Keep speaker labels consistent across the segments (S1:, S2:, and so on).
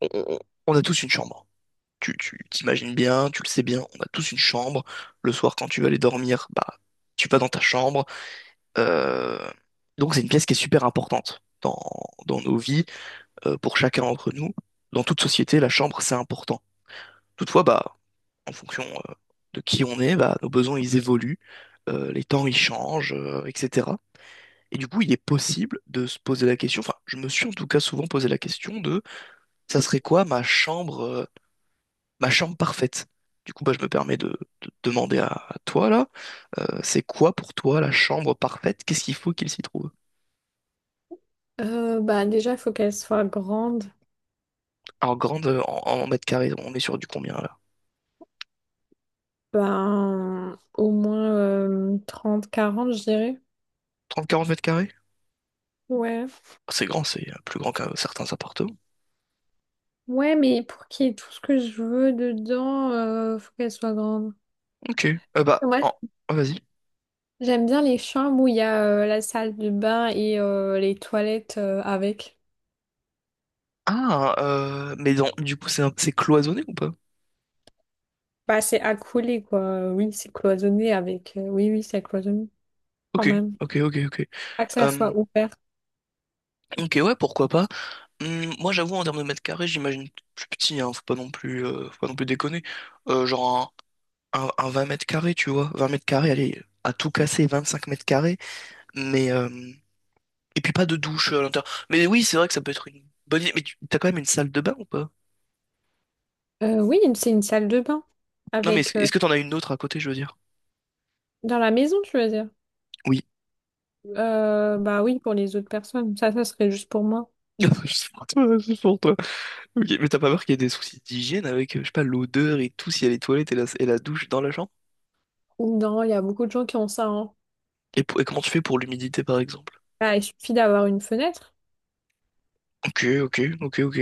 S1: on, on- on a tous une chambre. Tu t'imagines bien, tu le sais bien, on a tous une chambre. Le soir, quand tu vas aller dormir, bah, tu vas dans ta chambre. Euh, Donc, c'est une pièce qui est super importante dans nos vies, pour chacun d'entre nous. Dans toute société, la chambre, c'est important. Toutefois, bah, en fonction, euh, de qui on est, bah, nos besoins, ils évoluent, les temps, ils changent, etc. Et du coup, il est possible de se poser la question, enfin, je me suis en tout cas souvent posé la question de, ça serait quoi ma chambre parfaite. Du coup, bah, je me permets de demander à toi là, c'est quoi pour toi la chambre parfaite? Qu'est-ce qu'il faut qu'il s'y trouve?
S2: Bah déjà, il faut qu'elle soit grande.
S1: Alors grande en mètres carrés, on est sur du combien là?
S2: Ben, au moins 30, 40, je dirais.
S1: 30-40 mètres carrés?
S2: Ouais.
S1: Ah, c'est grand, c'est plus grand qu'un certains appartements.
S2: Ouais, mais pour qu'il y ait tout ce que je veux dedans, faut qu'elle soit grande.
S1: Ok. Bah,
S2: Moi,
S1: ah, vas-y.
S2: j'aime bien les chambres où il y a la salle de bain et les toilettes avec.
S1: Ah, mais du coup, c'est c'est cloisonné ou pas?
S2: Bah, c'est accolé, quoi. Oui, c'est cloisonné avec. Oui, oui, c'est cloisonné, quand
S1: Ok,
S2: même.
S1: ok, ok, ok.
S2: Pas que ça soit
S1: Euh,
S2: ouvert.
S1: ok, ouais, pourquoi pas. Moi, j'avoue, en termes de mètres carrés, j'imagine plus petit, hein, faut pas non plus, faut pas non plus déconner. Genre un 20 mètres carrés, tu vois. 20 mètres carrés, allez, à tout casser, 25 mètres carrés. Mais, et puis pas de douche à l'intérieur. Mais oui, c'est vrai que ça peut être une bonne idée. Mais tu t'as quand même une salle de bain ou pas?
S2: Oui, c'est une salle de bain.
S1: Non, mais est-ce,
S2: Avec.
S1: est-ce que t'en as une autre à côté, je veux dire?
S2: Dans la maison, tu veux dire?
S1: Oui.
S2: Bah oui, pour les autres personnes. Ça serait juste pour moi.
S1: C'est pour toi, c'est pour toi. Ok, mais t'as pas peur qu'il y ait des soucis d'hygiène avec, je sais pas, l'odeur et tout, s'il y a les toilettes et la douche dans la chambre?
S2: Non, il y a beaucoup de gens qui ont ça, hein.
S1: Et comment tu fais pour l'humidité, par exemple?
S2: Bah, il suffit d'avoir une fenêtre.
S1: Ok, ok, ok, ok.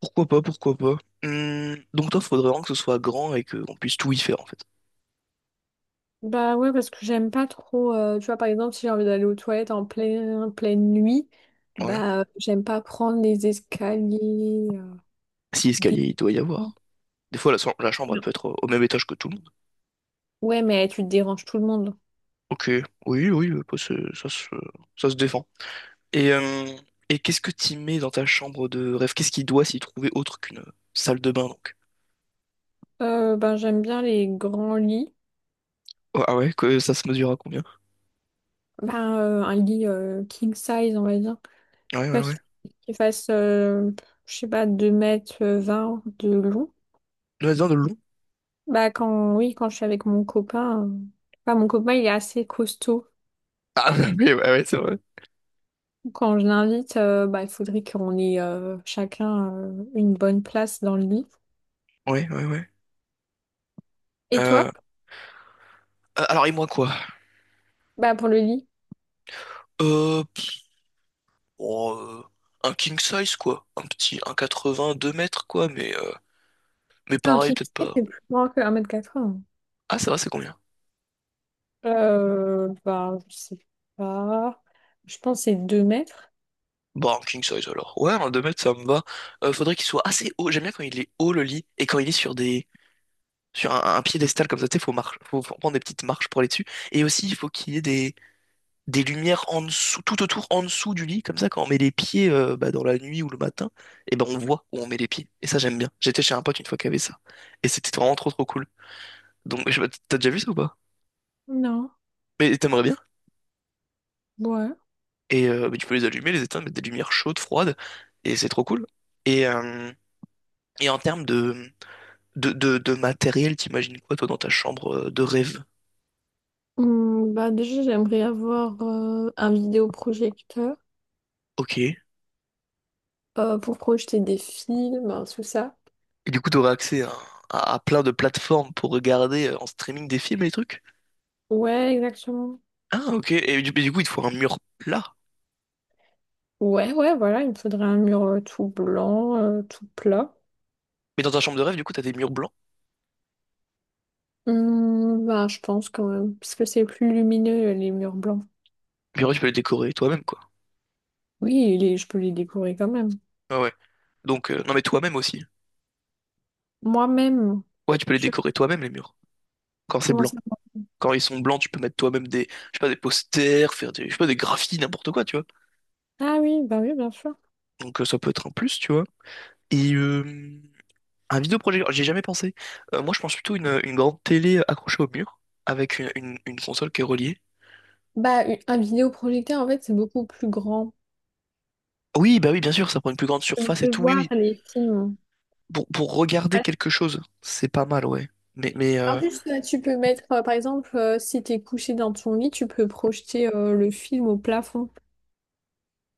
S1: Pourquoi pas, pourquoi pas. Donc toi, faudrait vraiment que ce soit grand et qu'on puisse tout y faire, en fait.
S2: Bah ouais, parce que j'aime pas trop. Tu vois, par exemple, si j'ai envie d'aller aux toilettes en pleine nuit,
S1: Ouais.
S2: bah j'aime pas prendre les escaliers.
S1: Si
S2: Des...
S1: escalier, il doit y avoir. Des fois, la chambre, elle peut être au au même étage que tout le monde.
S2: Ouais, mais tu te déranges tout le monde.
S1: Ok, oui, oui, bah, ça se défend. Et, euh, et qu'est-ce que t'y mets dans ta chambre de rêve? Qu'est-ce qui doit s'y trouver autre qu'une salle de bain, donc?
S2: Ben, j'aime bien les grands lits.
S1: Oh, ah ouais, que ça se mesure à combien?
S2: Ben, un lit king size, on va dire.
S1: Ouais, ouais,
S2: Pas
S1: ouais.
S2: qu'il qu'il fasse, je sais pas, 2,20 m de long.
S1: Nous, dans de long?
S2: Bah quand oui, quand je suis avec mon copain, enfin, mon copain il est assez costaud.
S1: Ah, oui, ouais, ouais, c'est vrai.
S2: Quand je l'invite, bah il faudrait qu'on ait chacun une bonne place dans le lit.
S1: Ouais, ouais, ouais.
S2: Et
S1: Euh,
S2: toi?
S1: alors, et moi, quoi?
S2: Bah pour le lit.
S1: Euh, pff, oh, un king size, quoi. Un petit un quatre-vingts, 2 mètres, quoi, mais
S2: Ah, ok,
S1: pareil, peut-être
S2: c'est
S1: pas.
S2: plus grand que 1,80 m.
S1: Ah, ça va, c'est combien?
S2: Bah je sais pas. Je pense que c'est 2 m.
S1: Bon, en king size alors. Ouais, un 2 mètres, ça me va. Faudrait qu'il soit assez haut. J'aime bien quand il est haut le lit et quand il est sur des sur un piédestal comme ça, tu sais, faut prendre des petites marches pour aller dessus. Et aussi, il faut qu'il y ait des lumières en dessous, tout autour, en dessous du lit. Comme ça, quand on met les pieds bah, dans la nuit ou le matin, et ben on voit où on met les pieds. Et ça, j'aime bien. J'étais chez un pote une fois qui avait ça. Et c'était vraiment trop trop cool. Donc, je... T'as déjà vu ça ou pas?
S2: Non,
S1: Mais t'aimerais bien.
S2: ouais.
S1: Et bah, tu peux les allumer, les éteindre, mettre des lumières chaudes, froides. Et c'est trop cool. Et, euh, et en termes de... de matériel, t'imagines quoi, toi, dans ta chambre de rêve?
S2: Bah déjà, j'aimerais avoir un vidéoprojecteur
S1: Ok. Et
S2: pour projeter des films, hein, tout ça.
S1: du coup, t'aurais accès à, à plein de plateformes pour regarder en streaming des films et des trucs?
S2: Ouais, exactement.
S1: Ah, ok. Mais du coup, il te faut un mur plat.
S2: Ouais, ouais, voilà, il me faudrait un mur tout blanc, tout plat.
S1: Mais dans ta chambre de rêve, du coup, t'as des murs blancs.
S2: Bah, je pense quand même, parce que c'est plus lumineux, les murs blancs.
S1: Les murs, tu peux les décorer toi-même, quoi.
S2: Oui, je peux les décorer quand même.
S1: Ah ouais. Non, mais toi-même aussi.
S2: Moi-même,
S1: Ouais, tu peux les
S2: je
S1: décorer toi-même, les murs. Quand c'est
S2: commence
S1: blanc.
S2: à...
S1: Quand ils sont blancs, tu peux mettre toi-même des, je sais pas, des posters, faire des, je sais pas, des graphies, n'importe quoi, tu vois.
S2: Ah oui, bah oui, bien sûr.
S1: Donc, ça peut être un plus, tu vois. Et, euh, Un vidéoprojecteur, j'ai jamais pensé. Moi, je pense plutôt une grande télé accrochée au mur, avec une console qui est reliée.
S2: Bah, un vidéoprojecteur, en fait, c'est beaucoup plus grand.
S1: Oui, bah oui, bien sûr, ça prend une plus grande
S2: Tu
S1: surface et
S2: peux mieux
S1: tout, oui,
S2: voir
S1: oui.
S2: les films.
S1: Pour regarder
S2: Ah,
S1: quelque chose, c'est pas mal, ouais. Mais, mais
S2: en
S1: euh,
S2: plus, tu peux mettre, par exemple, si t'es couché dans ton lit, tu peux projeter le film au plafond.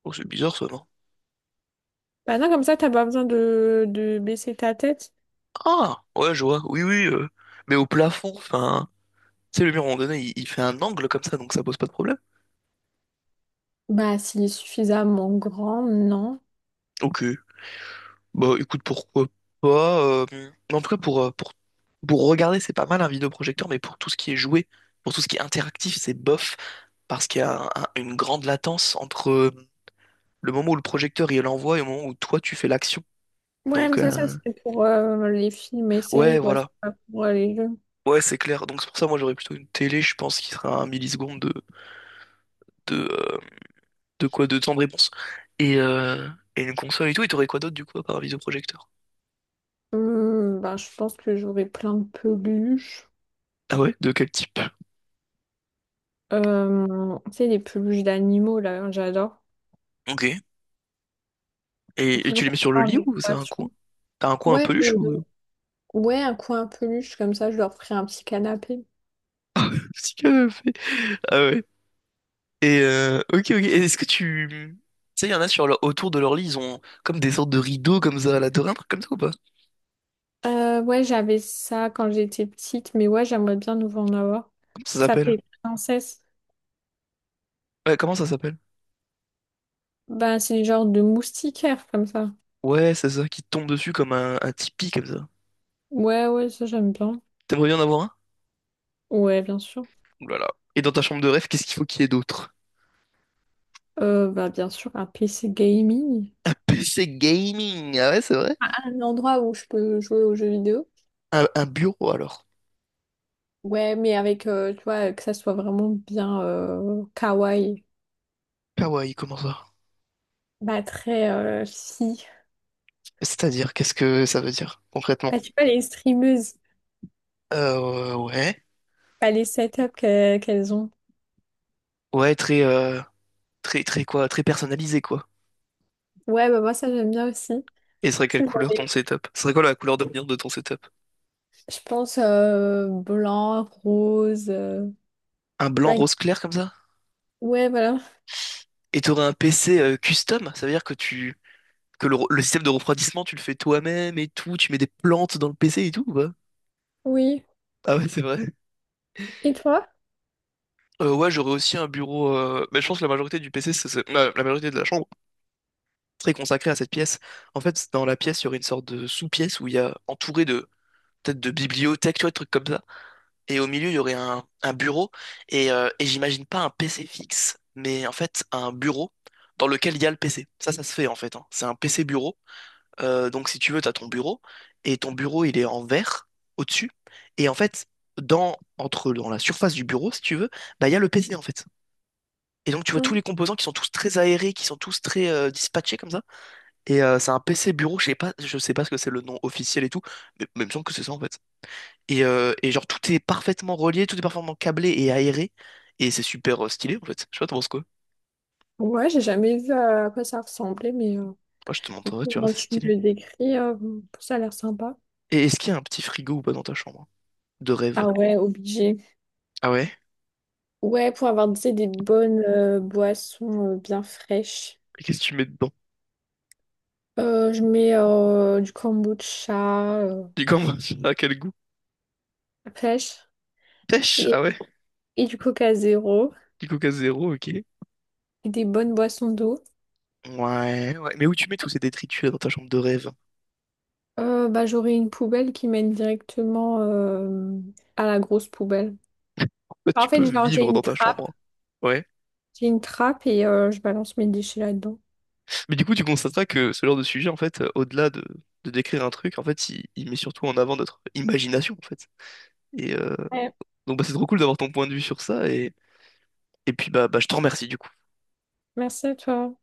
S1: oh, c'est bizarre, ça, non?
S2: Bah non, comme ça, t'as pas besoin de baisser ta tête.
S1: Ah, ouais, je vois, oui, oui. Mais au plafond, enfin, tu sais, le mur, à un moment donné, il fait un angle comme ça, donc ça pose pas de problème.
S2: Bah, s'il est suffisamment grand, non.
S1: Ok. Bah écoute, pourquoi pas. En tout cas, pour regarder, c'est pas mal un vidéoprojecteur, mais pour tout ce qui est joué, pour tout ce qui est interactif, c'est bof, parce qu'il y a une grande latence entre le moment où le projecteur il l'envoie et le moment où toi tu fais l'action.
S2: Ouais,
S1: Donc
S2: mais ça,
S1: euh,
S2: c'est pour les films et
S1: ouais,
S2: séries, quoi. C'est
S1: voilà.
S2: pas pour les jeux.
S1: Ouais, c'est clair. Donc c'est pour ça, moi j'aurais plutôt une télé, je pense, qui sera à un milliseconde de, euh, de quoi, de temps de réponse. Et, euh, et une console et tout, et t'aurais quoi d'autre du coup, à part un vidéoprojecteur?
S2: Bah, je pense que j'aurais plein de peluches.
S1: Ah ouais? De quel type?
S2: Tu sais, les peluches d'animaux, là, j'adore.
S1: Ok.
S2: Faut
S1: Et tu
S2: toujours
S1: les mets
S2: mettre
S1: sur le
S2: ça en
S1: lit ou c'est un coin?
S2: décoration.
S1: T'as un coin un
S2: Ouais,
S1: peluche
S2: euh,
S1: ou...
S2: ouais, un coin peluche, comme ça, je leur ferai un petit canapé.
S1: Si canapé. Ah ouais. Ok, ok. Et est-ce que tu... Tu sais, il y en a sur autour de leur lit, ils ont comme des sortes de rideaux comme ça à la dorée, un truc comme ça ou pas?
S2: Ouais, j'avais ça quand j'étais petite, mais ouais, j'aimerais bien nouveau en avoir.
S1: Comment ça
S2: Ça
S1: s'appelle?
S2: fait princesse.
S1: Ouais, comment ça s'appelle?
S2: Bah, c'est le genre de moustiquaire, comme ça.
S1: Ouais, c'est ça, qui te tombe dessus comme un tipi comme ça.
S2: Ouais, ouais, ça, j'aime bien.
S1: T'aimerais bien en avoir un?
S2: Ouais, bien sûr.
S1: Ouh là là. Et dans ta chambre de rêve, qu'est-ce qu'il faut qu'il y ait d'autre?
S2: Bah, bien sûr, un PC gaming.
S1: PC gaming, ah ouais, c'est vrai?
S2: Ah, un endroit où je peux jouer aux jeux vidéo.
S1: Un bureau alors.
S2: Ouais, mais avec, tu vois, que ça soit vraiment bien kawaii.
S1: Ah ouais, comment ça?
S2: Bah, très fille.
S1: C'est-à-dire, qu'est-ce que ça veut dire concrètement?
S2: Bah, tu vois, les streameuses,
S1: Ouais.
S2: bah, les setups qu'elles ont.
S1: Ouais, très. Très, très quoi, très personnalisé, quoi.
S2: Ouais, bah, moi, ça, j'aime bien aussi.
S1: Et ce serait quelle
S2: C'est
S1: couleur ton
S2: vrai.
S1: setup? Ce serait quoi la couleur d'avenir de ton setup?
S2: Je pense blanc, rose,
S1: Un blanc
S2: black.
S1: rose clair comme ça?
S2: Ouais, voilà.
S1: Et t'aurais un PC custom? Ça veut dire que tu le système de refroidissement, tu le fais toi-même et tout, tu mets des plantes dans le PC et tout, ou pas?
S2: Oui.
S1: Ah ouais, c'est vrai.
S2: Et toi?
S1: Ouais, j'aurais aussi un bureau. Mais je pense que la majorité du PC, la majorité de la chambre serait consacrée à cette pièce. En fait, dans la pièce, il y aurait une sorte de sous-pièce où il y a entouré de peut-être de bibliothèques, tu vois, des trucs comme ça. Et au milieu, il y aurait un bureau, et j'imagine pas un PC fixe, mais en fait un bureau dans lequel il y a le PC. Ça se fait en fait, hein. C'est un PC bureau. Donc si tu veux, tu as ton bureau, et ton bureau, il est en verre au-dessus, et en fait, dans la surface du bureau, si tu veux, bah, il y a le PC en fait. Et donc tu vois tous
S2: Hein.
S1: les composants qui sont tous très aérés, qui sont tous très dispatchés comme ça. C'est un PC bureau, je sais pas ce que c'est le nom officiel et tout, mais il me semble que c'est ça en fait. Et genre, tout est parfaitement relié, tout est parfaitement câblé et aéré. Et c'est super stylé, en fait. Je sais pas, t'en penses quoi?
S2: Ouais, j'ai jamais vu à quoi ça ressemblait, mais. euh,
S1: Moi, je te
S2: Mais
S1: montrerai, tu verras,
S2: comment
S1: c'est
S2: tu me
S1: stylé.
S2: le décris, ça a l'air sympa.
S1: Et est-ce qu'il y a un petit frigo ou pas dans ta chambre, hein? De
S2: Ah
S1: rêve.
S2: ouais, obligé.
S1: Ah ouais?
S2: Ouais, pour avoir, tu sais, des bonnes boissons bien fraîches.
S1: Et qu'est-ce que tu mets dedans?
S2: Je mets du kombucha
S1: Du camembert, à quel goût?
S2: fraîche
S1: Pêche?
S2: et,
S1: Ah ouais?
S2: et du coca zéro
S1: Du coca zéro, ok.
S2: et des bonnes boissons d'eau.
S1: Ouais, ouais. Mais où tu mets tous ces détritus là dans ta chambre de rêve?
S2: Bah, j'aurai une poubelle qui mène directement à la grosse poubelle.
S1: En fait,
S2: En
S1: tu peux
S2: fait, genre, j'ai
S1: vivre
S2: une
S1: dans ta
S2: trappe.
S1: chambre. Ouais.
S2: J'ai une trappe et je balance mes déchets là-dedans.
S1: Mais du coup, tu constateras que ce genre de sujet, en fait, au-delà de décrire un truc, en fait, il met surtout en avant notre imagination, en fait. Et, euh,
S2: Ouais,
S1: Donc bah, c'est trop cool d'avoir ton point de vue sur ça et puis bah je te remercie du coup.
S2: merci à toi.